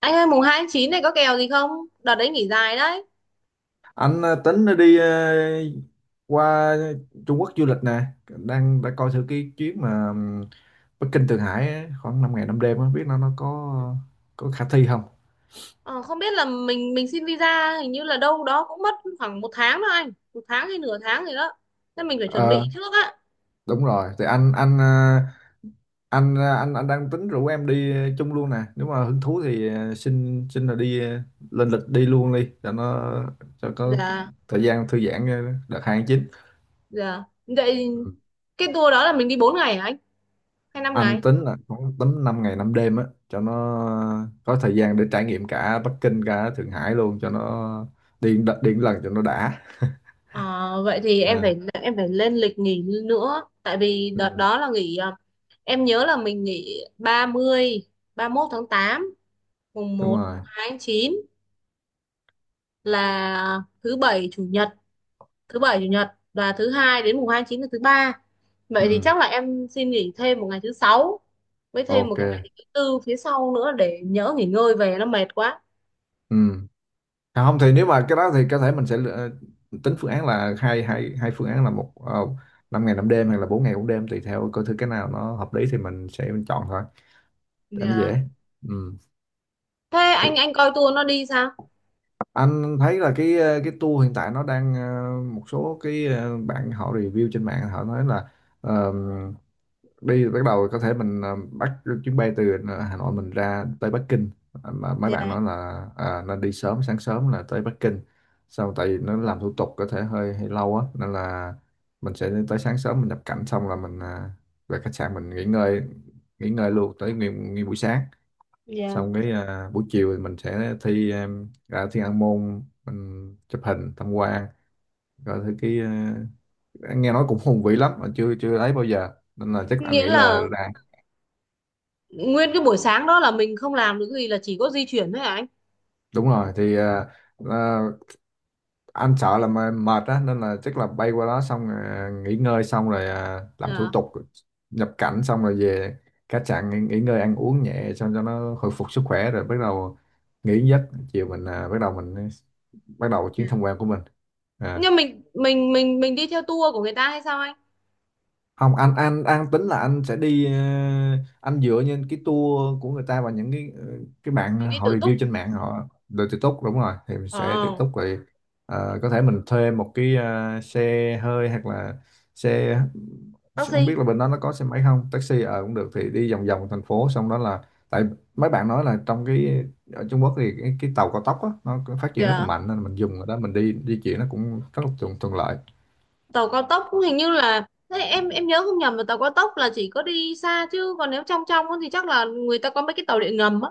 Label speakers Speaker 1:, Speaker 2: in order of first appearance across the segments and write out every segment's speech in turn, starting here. Speaker 1: Anh ơi mùng 2 tháng 9 này có kèo gì không? Đợt đấy nghỉ dài đấy.
Speaker 2: Anh tính đi qua Trung Quốc du lịch nè, đang đã coi thử cái chuyến mà Bắc Kinh, Thượng Hải á, khoảng 5 ngày 5 đêm, không biết nó có khả thi không.
Speaker 1: Ờ, không biết là mình xin visa hình như là đâu đó cũng mất khoảng một tháng đó anh. Một tháng hay nửa tháng gì đó. Nên mình phải chuẩn
Speaker 2: ờ
Speaker 1: bị trước á.
Speaker 2: Đúng rồi, thì anh ờ, anh ờ, anh đang tính rủ em đi chung luôn nè, nếu mà hứng thú thì xin xin là đi lên lịch đi luôn đi cho nó, cho có
Speaker 1: Dạ,
Speaker 2: thời gian thư giãn, đợt hai tháng chín.
Speaker 1: dạ. Vậy cái tour đó là mình đi 4 ngày hả anh? Hay năm
Speaker 2: Anh
Speaker 1: ngày?
Speaker 2: tính là khoảng tấm 5 ngày 5 đêm á, cho nó có thời gian để trải nghiệm cả Bắc Kinh cả Thượng Hải luôn, cho nó đi đi một lần cho nó đã.
Speaker 1: Ờ, vậy thì em
Speaker 2: À.
Speaker 1: phải em phải lên lịch nghỉ nữa. Tại vì đợt
Speaker 2: Ừ,
Speaker 1: đó là nghỉ à, em nhớ là mình nghỉ 30, mốt tháng tám, mùng
Speaker 2: đúng
Speaker 1: một
Speaker 2: rồi.
Speaker 1: mùng 2 tháng 9 là thứ bảy chủ nhật, thứ bảy chủ nhật và thứ hai, đến mùng hai tháng chín là thứ ba. Vậy thì
Speaker 2: Ừ,
Speaker 1: chắc là em xin nghỉ thêm một ngày thứ sáu với thêm một
Speaker 2: ok.
Speaker 1: cái ngày thứ tư phía sau nữa, để nhỡ nghỉ ngơi về nó mệt quá.
Speaker 2: Ừ. À, không thì nếu mà cái đó thì có thể mình sẽ tính phương án, là hai hai hai phương án: là một, uh, 5 ngày 5 đêm, hay là 4 ngày 4 đêm, tùy theo coi thử cái nào nó hợp lý thì mình sẽ chọn thôi, để nó dễ.
Speaker 1: Dạ.
Speaker 2: Ừ.
Speaker 1: Thế anh coi tour nó đi sao?
Speaker 2: Anh thấy là cái tour hiện tại nó đang, một số bạn họ review trên mạng họ nói là ờ, đi bắt đầu có thể mình bắt chuyến bay từ Hà Nội mình ra tới Bắc Kinh, mà mấy bạn
Speaker 1: Dạ,
Speaker 2: nói là à, nên đi sớm, sáng sớm là tới Bắc Kinh sau, tại vì nó làm thủ tục có thể hơi hơi lâu á, nên là mình sẽ tới sáng sớm mình nhập cảnh xong là mình về khách sạn mình nghỉ ngơi, nghỉ ngơi luôn tới nguyên buổi sáng,
Speaker 1: dạ.
Speaker 2: xong cái à, buổi chiều thì mình sẽ ra Thiên An Môn mình chụp hình tham quan, rồi thứ cái à, nghe nói cũng hùng vĩ lắm mà chưa chưa thấy bao giờ, nên là chắc anh
Speaker 1: Nghĩa
Speaker 2: nghĩ
Speaker 1: là
Speaker 2: là
Speaker 1: nguyên cái buổi sáng đó là mình không làm được gì, là chỉ có di chuyển thôi hả anh?
Speaker 2: đúng rồi thì à, à, anh sợ là mệt á, nên là chắc là bay qua đó xong à, nghỉ ngơi xong rồi à, làm thủ
Speaker 1: Dạ,
Speaker 2: tục nhập cảnh xong rồi về khách sạn nghỉ, nghỉ ngơi ăn uống nhẹ xong cho nó hồi phục sức khỏe rồi bắt đầu nghỉ giấc, chiều mình à, bắt đầu mình bắt đầu
Speaker 1: dạ.
Speaker 2: chuyến tham quan của mình. À,
Speaker 1: Nhưng mình đi theo tour của người ta hay sao anh?
Speaker 2: không, anh tính là anh sẽ đi, anh dựa trên cái tour của người ta và những cái bạn
Speaker 1: Mình đi
Speaker 2: họ
Speaker 1: tự túc.
Speaker 2: review trên mạng họ. Tự túc, đúng rồi, thì mình
Speaker 1: Ồ.
Speaker 2: sẽ tự túc rồi. Ờ, có thể mình thuê một xe hơi, hoặc là xe, xe,
Speaker 1: Taxi.
Speaker 2: không biết là bên đó nó có xe máy không, taxi ờ cũng được, thì đi vòng vòng thành phố xong đó là, tại mấy bạn nói là trong cái, ở Trung Quốc thì cái tàu cao tốc á, nó phát triển rất là
Speaker 1: Dạ.
Speaker 2: mạnh, nên mình dùng ở đó mình đi di chuyển nó cũng rất là thuận lợi.
Speaker 1: Tàu cao tốc cũng hình như là thế, em nhớ không nhầm là tàu cao tốc là chỉ có đi xa, chứ còn nếu trong trong á thì chắc là người ta có mấy cái tàu điện ngầm á.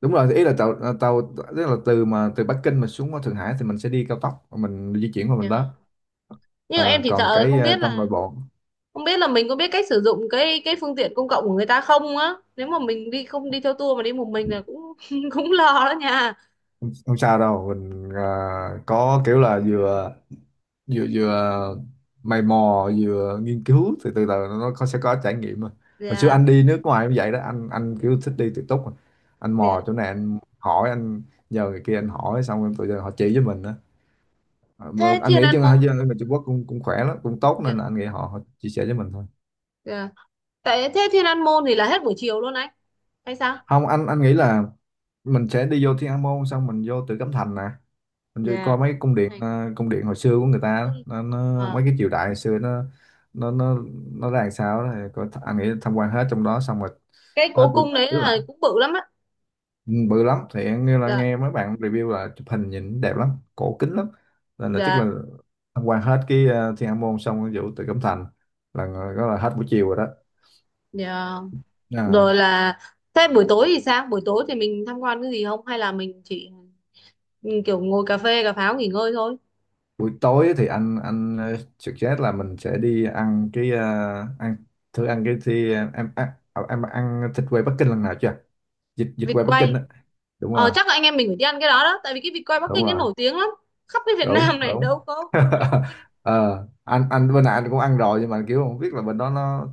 Speaker 2: Đúng rồi, ý là tàu à, tàu, tức là từ mà từ Bắc Kinh mà xuống Thượng Hải thì mình sẽ đi cao tốc mình di chuyển qua mình
Speaker 1: Ờ.
Speaker 2: đó.
Speaker 1: Nhưng em
Speaker 2: Ờ,
Speaker 1: chỉ
Speaker 2: còn
Speaker 1: sợ không biết
Speaker 2: trong nội
Speaker 1: là
Speaker 2: bộ,
Speaker 1: không biết là mình có biết cách sử dụng cái phương tiện công cộng của người ta không á, nếu mà mình đi không đi theo tour mà đi một mình là cũng cũng lo đó nha.
Speaker 2: không sao đâu, mình có kiểu là vừa vừa vừa mày mò vừa nghiên cứu thì từ từ nó có, sẽ có trải nghiệm mà, hồi xưa
Speaker 1: Dạ,
Speaker 2: anh đi nước ngoài cũng vậy đó, anh kiểu thích đi tự túc mà. Anh
Speaker 1: dạ.
Speaker 2: mò chỗ này anh hỏi, anh nhờ người kia anh hỏi, xong rồi tụi họ chỉ với mình đó. Ờ, mà
Speaker 1: Thế
Speaker 2: anh
Speaker 1: Thiên
Speaker 2: nghĩ chứ
Speaker 1: An
Speaker 2: hai
Speaker 1: Môn.
Speaker 2: dân ở Trung Quốc cũng cũng khỏe lắm, cũng tốt,
Speaker 1: Dạ,
Speaker 2: nên là anh nghĩ họ, họ chia sẻ với mình thôi.
Speaker 1: dạ. Tại thế Thiên An Môn thì là hết buổi chiều luôn anh hay sao?
Speaker 2: Không, anh nghĩ là mình sẽ đi vô Thiên An Môn xong mình vô Tử Cấm Thành nè, mình đi
Speaker 1: Dạ
Speaker 2: coi mấy cung điện
Speaker 1: này,
Speaker 2: ờ, cung điện hồi xưa của người
Speaker 1: cố
Speaker 2: ta,
Speaker 1: cung.
Speaker 2: nó
Speaker 1: Ờ,
Speaker 2: mấy cái triều đại hồi xưa nó, nó nó nó ra làm sao đó thì coi, anh nghĩ tham quan hết trong đó xong rồi,
Speaker 1: cái
Speaker 2: hết
Speaker 1: cố
Speaker 2: buổi,
Speaker 1: cung đấy
Speaker 2: tức là
Speaker 1: là cũng bự lắm á.
Speaker 2: ừ, bự lắm, thì anh nghe là,
Speaker 1: Dạ,
Speaker 2: nghe mấy bạn review là chụp hình nhìn đẹp lắm, cổ kính lắm, nên là chắc là
Speaker 1: dạ,
Speaker 2: tham quan hết Thiên An Môn xong rồi vụ Tử Cấm Thành, là đó là hết buổi chiều rồi đó.
Speaker 1: dạ.
Speaker 2: À,
Speaker 1: Rồi là thế, buổi tối thì sao? Buổi tối thì mình tham quan cái gì không hay là mình chỉ kiểu ngồi cà phê cà pháo nghỉ ngơi thôi?
Speaker 2: buổi tối thì anh suggest là mình sẽ đi ăn ăn thử ăn cái thì em ăn thịt quay Bắc Kinh lần nào chưa? Vịt Vịt
Speaker 1: Vịt
Speaker 2: quay Bắc Kinh
Speaker 1: quay.
Speaker 2: á. Đúng rồi,
Speaker 1: Chắc là anh em mình phải đi ăn cái đó đó, tại vì cái vịt quay Bắc
Speaker 2: đúng
Speaker 1: Kinh nó
Speaker 2: rồi.
Speaker 1: nổi tiếng lắm, khắp cái Việt Nam
Speaker 2: Đúng
Speaker 1: này
Speaker 2: đúng.
Speaker 1: đâu có vịt quay Bắc Kinh.
Speaker 2: Ờ, anh bên này anh cũng ăn rồi, nhưng mà kiểu không biết là bên đó nó,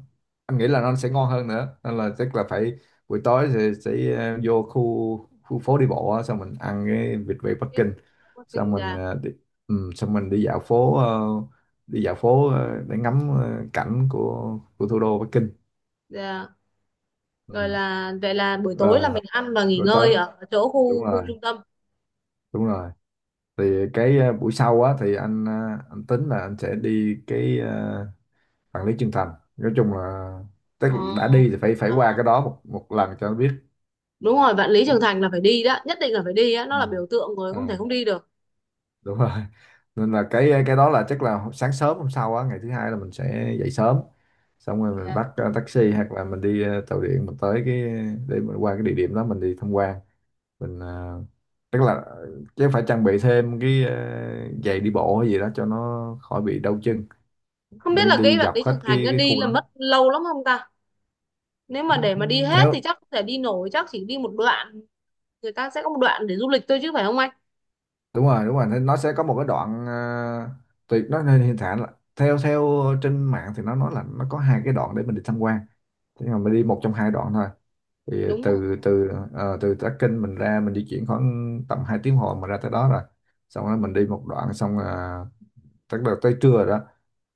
Speaker 2: anh nghĩ là nó sẽ ngon hơn nữa, nên là chắc là phải buổi tối sẽ, sẽ vô khu khu phố đi bộ á, xong mình ăn cái vịt quay Bắc
Speaker 1: Cái
Speaker 2: Kinh,
Speaker 1: vịt quay Bắc
Speaker 2: xong
Speaker 1: Kinh
Speaker 2: mình
Speaker 1: là,
Speaker 2: ờ, đi, ừ, xong mình đi dạo phố, đi dạo phố để ngắm cảnh của thủ đô Bắc Kinh.
Speaker 1: là rồi
Speaker 2: Ừ.
Speaker 1: là vậy là buổi tối là
Speaker 2: Rồi,
Speaker 1: mình ăn và nghỉ
Speaker 2: rồi tới,
Speaker 1: ngơi ở chỗ
Speaker 2: đúng
Speaker 1: khu
Speaker 2: rồi,
Speaker 1: khu trung tâm.
Speaker 2: đúng rồi, thì buổi sau á thì anh tính là anh sẽ đi Phản Lý Chân Thành, nói chung là tức
Speaker 1: Ờ.
Speaker 2: là đã đi thì phải phải qua cái
Speaker 1: Wow.
Speaker 2: đó một một lần cho nó biết.
Speaker 1: Đúng rồi, Vạn Lý Trường Thành là phải đi đó, nhất định là phải đi á, nó
Speaker 2: Ừ.
Speaker 1: là biểu tượng rồi, không thể
Speaker 2: Ờ,
Speaker 1: không đi được.
Speaker 2: đúng rồi. Nên là cái đó là chắc là sáng sớm hôm sau á, ngày thứ hai là mình sẽ dậy sớm, xong rồi mình
Speaker 1: Dạ.
Speaker 2: bắt taxi hoặc là mình đi tàu điện mình tới cái, để mình qua cái địa điểm đó mình đi tham quan, mình, tức là chứ phải trang bị thêm giày đi bộ hay gì đó cho nó khỏi bị đau chân,
Speaker 1: Không biết
Speaker 2: để
Speaker 1: là cái
Speaker 2: đi
Speaker 1: Vạn
Speaker 2: dọc
Speaker 1: Lý Trường
Speaker 2: hết
Speaker 1: Thành nó
Speaker 2: cái
Speaker 1: đi
Speaker 2: khu
Speaker 1: là
Speaker 2: đó
Speaker 1: mất lâu lắm không ta? Nếu mà để mà đi hết thì
Speaker 2: theo.
Speaker 1: chắc không thể đi nổi, chắc chỉ đi một đoạn. Người ta sẽ có một đoạn để du lịch thôi chứ phải không anh?
Speaker 2: Đúng rồi, đúng rồi, nên nó sẽ có một cái đoạn, tùy nó, nên hiện tại là theo theo trên mạng thì nó nói là nó có hai cái đoạn để mình đi tham quan, thế mà mình đi một trong hai đoạn thôi, thì
Speaker 1: Đúng rồi.
Speaker 2: từ từ ờ, từ Tắc Kinh mình ra mình di chuyển khoảng tầm 2 tiếng hồ mà ra tới đó rồi, xong rồi mình đi một đoạn xong tức là tới trưa rồi đó,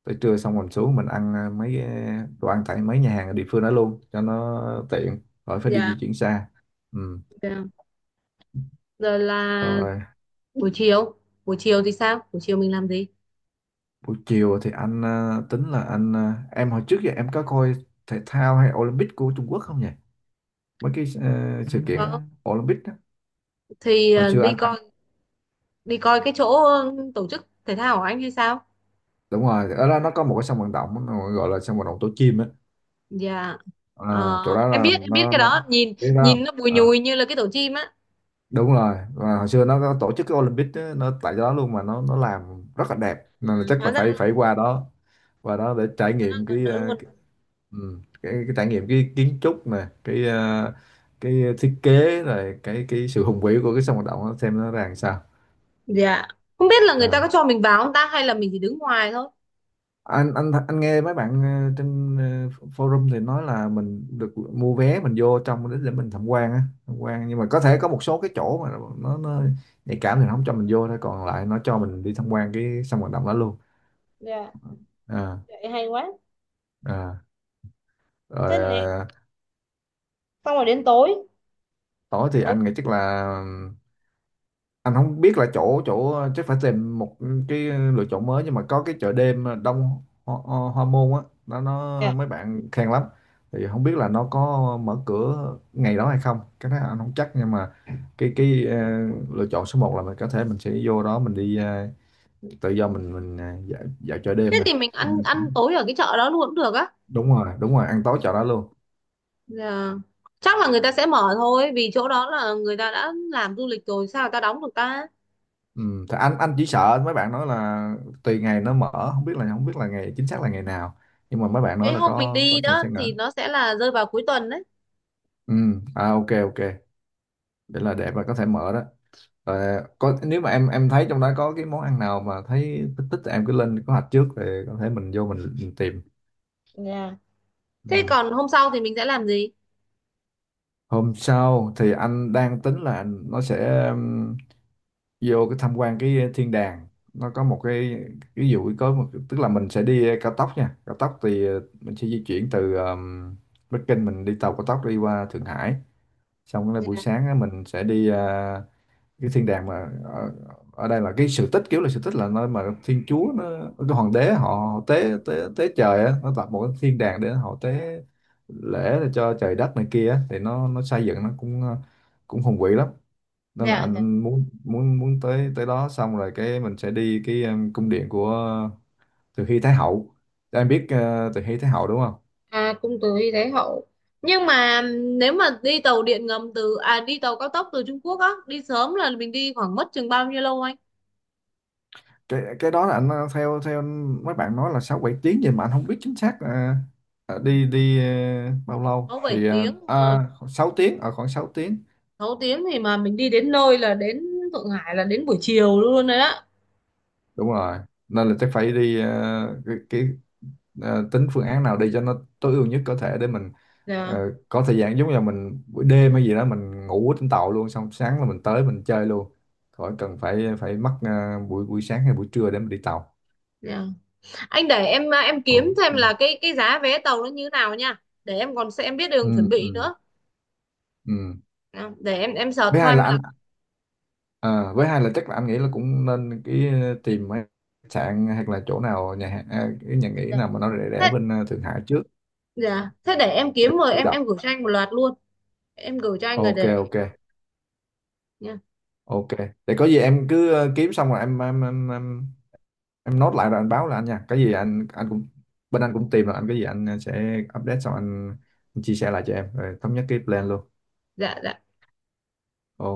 Speaker 2: tới trưa xong mình xuống mình ăn đồ ăn tại mấy nhà hàng ở địa phương đó luôn cho nó tiện, khỏi phải đi
Speaker 1: Dạ,
Speaker 2: di chuyển xa. Ừ.
Speaker 1: dạ. Rồi là
Speaker 2: Rồi.
Speaker 1: buổi chiều. Buổi chiều thì sao, buổi chiều mình làm gì?
Speaker 2: Buổi chiều thì anh tính là anh, em hồi trước giờ em có coi thể thao hay Olympic của Trung Quốc không nhỉ? Mấy sự kiện
Speaker 1: Có.
Speaker 2: À, Olympic đó.
Speaker 1: Thì
Speaker 2: Hồi xưa
Speaker 1: đi
Speaker 2: anh
Speaker 1: coi đi coi cái chỗ tổ chức thể thao của anh hay sao?
Speaker 2: đúng rồi, ở đó nó có một cái sân vận động nó gọi là sân vận động tổ chim á.
Speaker 1: Dạ. Ờ,
Speaker 2: Ờ, chỗ đó
Speaker 1: em
Speaker 2: là
Speaker 1: biết em biết
Speaker 2: nó
Speaker 1: cái đó,
Speaker 2: nó
Speaker 1: nhìn
Speaker 2: biết đó
Speaker 1: nhìn
Speaker 2: không?
Speaker 1: nó bùi
Speaker 2: Ờ,
Speaker 1: nhùi như là cái tổ chim á.
Speaker 2: đúng rồi. Và hồi xưa nó có tổ chức cái Olympic á, nó tại đó luôn, mà nó làm rất là đẹp,
Speaker 1: Ừ,
Speaker 2: nên là chắc
Speaker 1: hóa
Speaker 2: là
Speaker 1: ra
Speaker 2: phải phải qua đó, qua đó để trải
Speaker 1: nó
Speaker 2: nghiệm
Speaker 1: gần
Speaker 2: cái
Speaker 1: đó
Speaker 2: ờ,
Speaker 1: luôn.
Speaker 2: Ừ. Cái trải nghiệm cái kiến trúc mà cái thiết kế, rồi cái sự hùng vĩ của cái sân vận động đó, xem nó ra làm sao.
Speaker 1: Dạ. Không biết là người ta
Speaker 2: À.
Speaker 1: có cho mình vào không ta hay là mình chỉ đứng ngoài thôi?
Speaker 2: anh nghe mấy bạn trên forum thì nói là mình được mua vé mình vô trong để mình tham quan á, tham quan, nhưng mà có thể có một số cái chỗ mà nó nhạy cảm thì nó không cho mình vô thôi, còn lại nó cho mình đi tham quan cái sân vận động đó luôn.
Speaker 1: Dạ,
Speaker 2: À,
Speaker 1: vậy hay quá.
Speaker 2: à. Rồi ờ,
Speaker 1: Xong rồi đến tối.
Speaker 2: tối thì anh nghĩ chắc là anh không biết là chỗ chỗ chắc phải tìm một cái lựa chọn mới, nhưng mà có cái chợ đêm Đông Ho, Ho, Hoa Môn á, nó mấy bạn khen lắm, thì không biết là nó có mở cửa ngày đó hay không, cái đó anh không chắc, nhưng mà cái lựa chọn số một là mình có thể mình sẽ vô đó mình đi tự do mình dạo chợ
Speaker 1: Thế
Speaker 2: đêm này.
Speaker 1: thì mình
Speaker 2: Để
Speaker 1: ăn
Speaker 2: mình-
Speaker 1: ăn tối ở cái chợ đó luôn cũng được á.
Speaker 2: Đúng rồi, đúng rồi, ăn tối chợ đó luôn.
Speaker 1: Dạ. Chắc là người ta sẽ mở thôi, vì chỗ đó là người ta đã làm du lịch rồi, sao người ta đóng được ta?
Speaker 2: Ừ, thì anh chỉ sợ mấy bạn nói là tùy ngày nó mở, không biết là không biết là ngày chính xác là ngày nào, nhưng mà mấy bạn
Speaker 1: Cái
Speaker 2: nói là
Speaker 1: hôm mình
Speaker 2: có
Speaker 1: đi
Speaker 2: sẽ.
Speaker 1: đó thì nó sẽ là rơi vào cuối tuần đấy.
Speaker 2: Ừ, à ok ok, để là để mà có thể mở đó. Ờ, có, nếu mà em thấy trong đó có cái món ăn nào mà thấy thích thích thì em cứ lên kế hoạch trước, để có thể mình vô mình tìm.
Speaker 1: Dạ. Thế
Speaker 2: Ừ.
Speaker 1: còn hôm sau thì mình sẽ làm gì?
Speaker 2: Hôm sau thì anh đang tính là nó sẽ vô cái tham quan cái thiên đàng. Nó có một cái, ví dụ có một, tức là mình sẽ đi cao tốc nha. Cao tốc thì ờ, mình sẽ di chuyển từ Bắc Kinh mình đi tàu cao tốc đi qua Thượng Hải. Xong cái buổi
Speaker 1: Dạ,
Speaker 2: sáng á, mình sẽ đi à, cái thiên đàng mà ở đây là cái sự tích, kiểu là sự tích là nơi mà thiên chúa nó, cái hoàng đế họ, họ tế tế tế trời á, nó tạo một cái thiên đàng để họ tế lễ để cho trời đất này kia á, thì nó xây dựng nó cũng ờ, cũng hùng vĩ lắm, nên là
Speaker 1: dạ, dạ.
Speaker 2: anh muốn muốn muốn tới tới đó, xong rồi cái mình sẽ đi cái cung điện của Từ Hy Thái Hậu, em biết ờ, Từ Hy Thái Hậu đúng không.
Speaker 1: À, cung Từ Thái Hậu. Nhưng mà nếu mà đi tàu điện ngầm từ à, đi tàu cao tốc từ Trung Quốc á đi sớm là mình đi khoảng mất chừng bao nhiêu lâu anh?
Speaker 2: Cái đó là anh theo theo mấy bạn nói là sáu bảy tiếng gì, mà anh không biết chính xác là đi đi bao lâu
Speaker 1: sáu bảy
Speaker 2: thì
Speaker 1: tiếng mà.
Speaker 2: 6 tiếng ở khoảng 6 tiếng.
Speaker 1: 6 tiếng thì mà mình đi đến nơi là đến Thượng Hải là đến buổi chiều luôn đấy á.
Speaker 2: Đúng rồi, nên là chắc phải đi tính phương án nào đi cho nó tối ưu nhất có thể, để mình
Speaker 1: Dạ.
Speaker 2: có thời gian, giống như là mình buổi đêm hay gì đó mình ngủ ở trên tàu luôn, xong sáng là mình tới mình chơi luôn, khỏi cần phải phải mất buổi buổi sáng hay buổi trưa để mình đi tàu.
Speaker 1: Dạ. Anh để em à, em kiếm thêm là
Speaker 2: Ok.
Speaker 1: cái giá vé tàu nó như nào nha. Để em còn sẽ em biết đường
Speaker 2: Ừ
Speaker 1: chuẩn bị
Speaker 2: ừ
Speaker 1: nữa.
Speaker 2: ừ.
Speaker 1: Dạ. Để em search
Speaker 2: Với hai
Speaker 1: thôi
Speaker 2: là
Speaker 1: mà.
Speaker 2: anh, ờ, với hai là chắc là anh nghĩ là cũng nên tìm mấy khách sạn hoặc là chỗ nào nhà hàng à, cái nhà nghỉ
Speaker 1: Dạ.
Speaker 2: nào mà nó rẻ rẻ
Speaker 1: Thế,
Speaker 2: bên Thượng Hải trước,
Speaker 1: dạ. Thế để em
Speaker 2: để
Speaker 1: kiếm rồi
Speaker 2: chủ
Speaker 1: em
Speaker 2: động.
Speaker 1: em gửi cho anh một loạt luôn. Em gửi cho anh rồi
Speaker 2: Ok
Speaker 1: để
Speaker 2: ok
Speaker 1: nha.
Speaker 2: ok, để có gì em cứ kiếm xong rồi em nốt lại rồi anh báo là anh nha, cái gì anh cũng bên anh cũng tìm rồi, anh cái gì anh sẽ update xong anh chia sẻ lại cho em rồi thống nhất cái plan luôn.
Speaker 1: Dạ, dạ.
Speaker 2: Ok.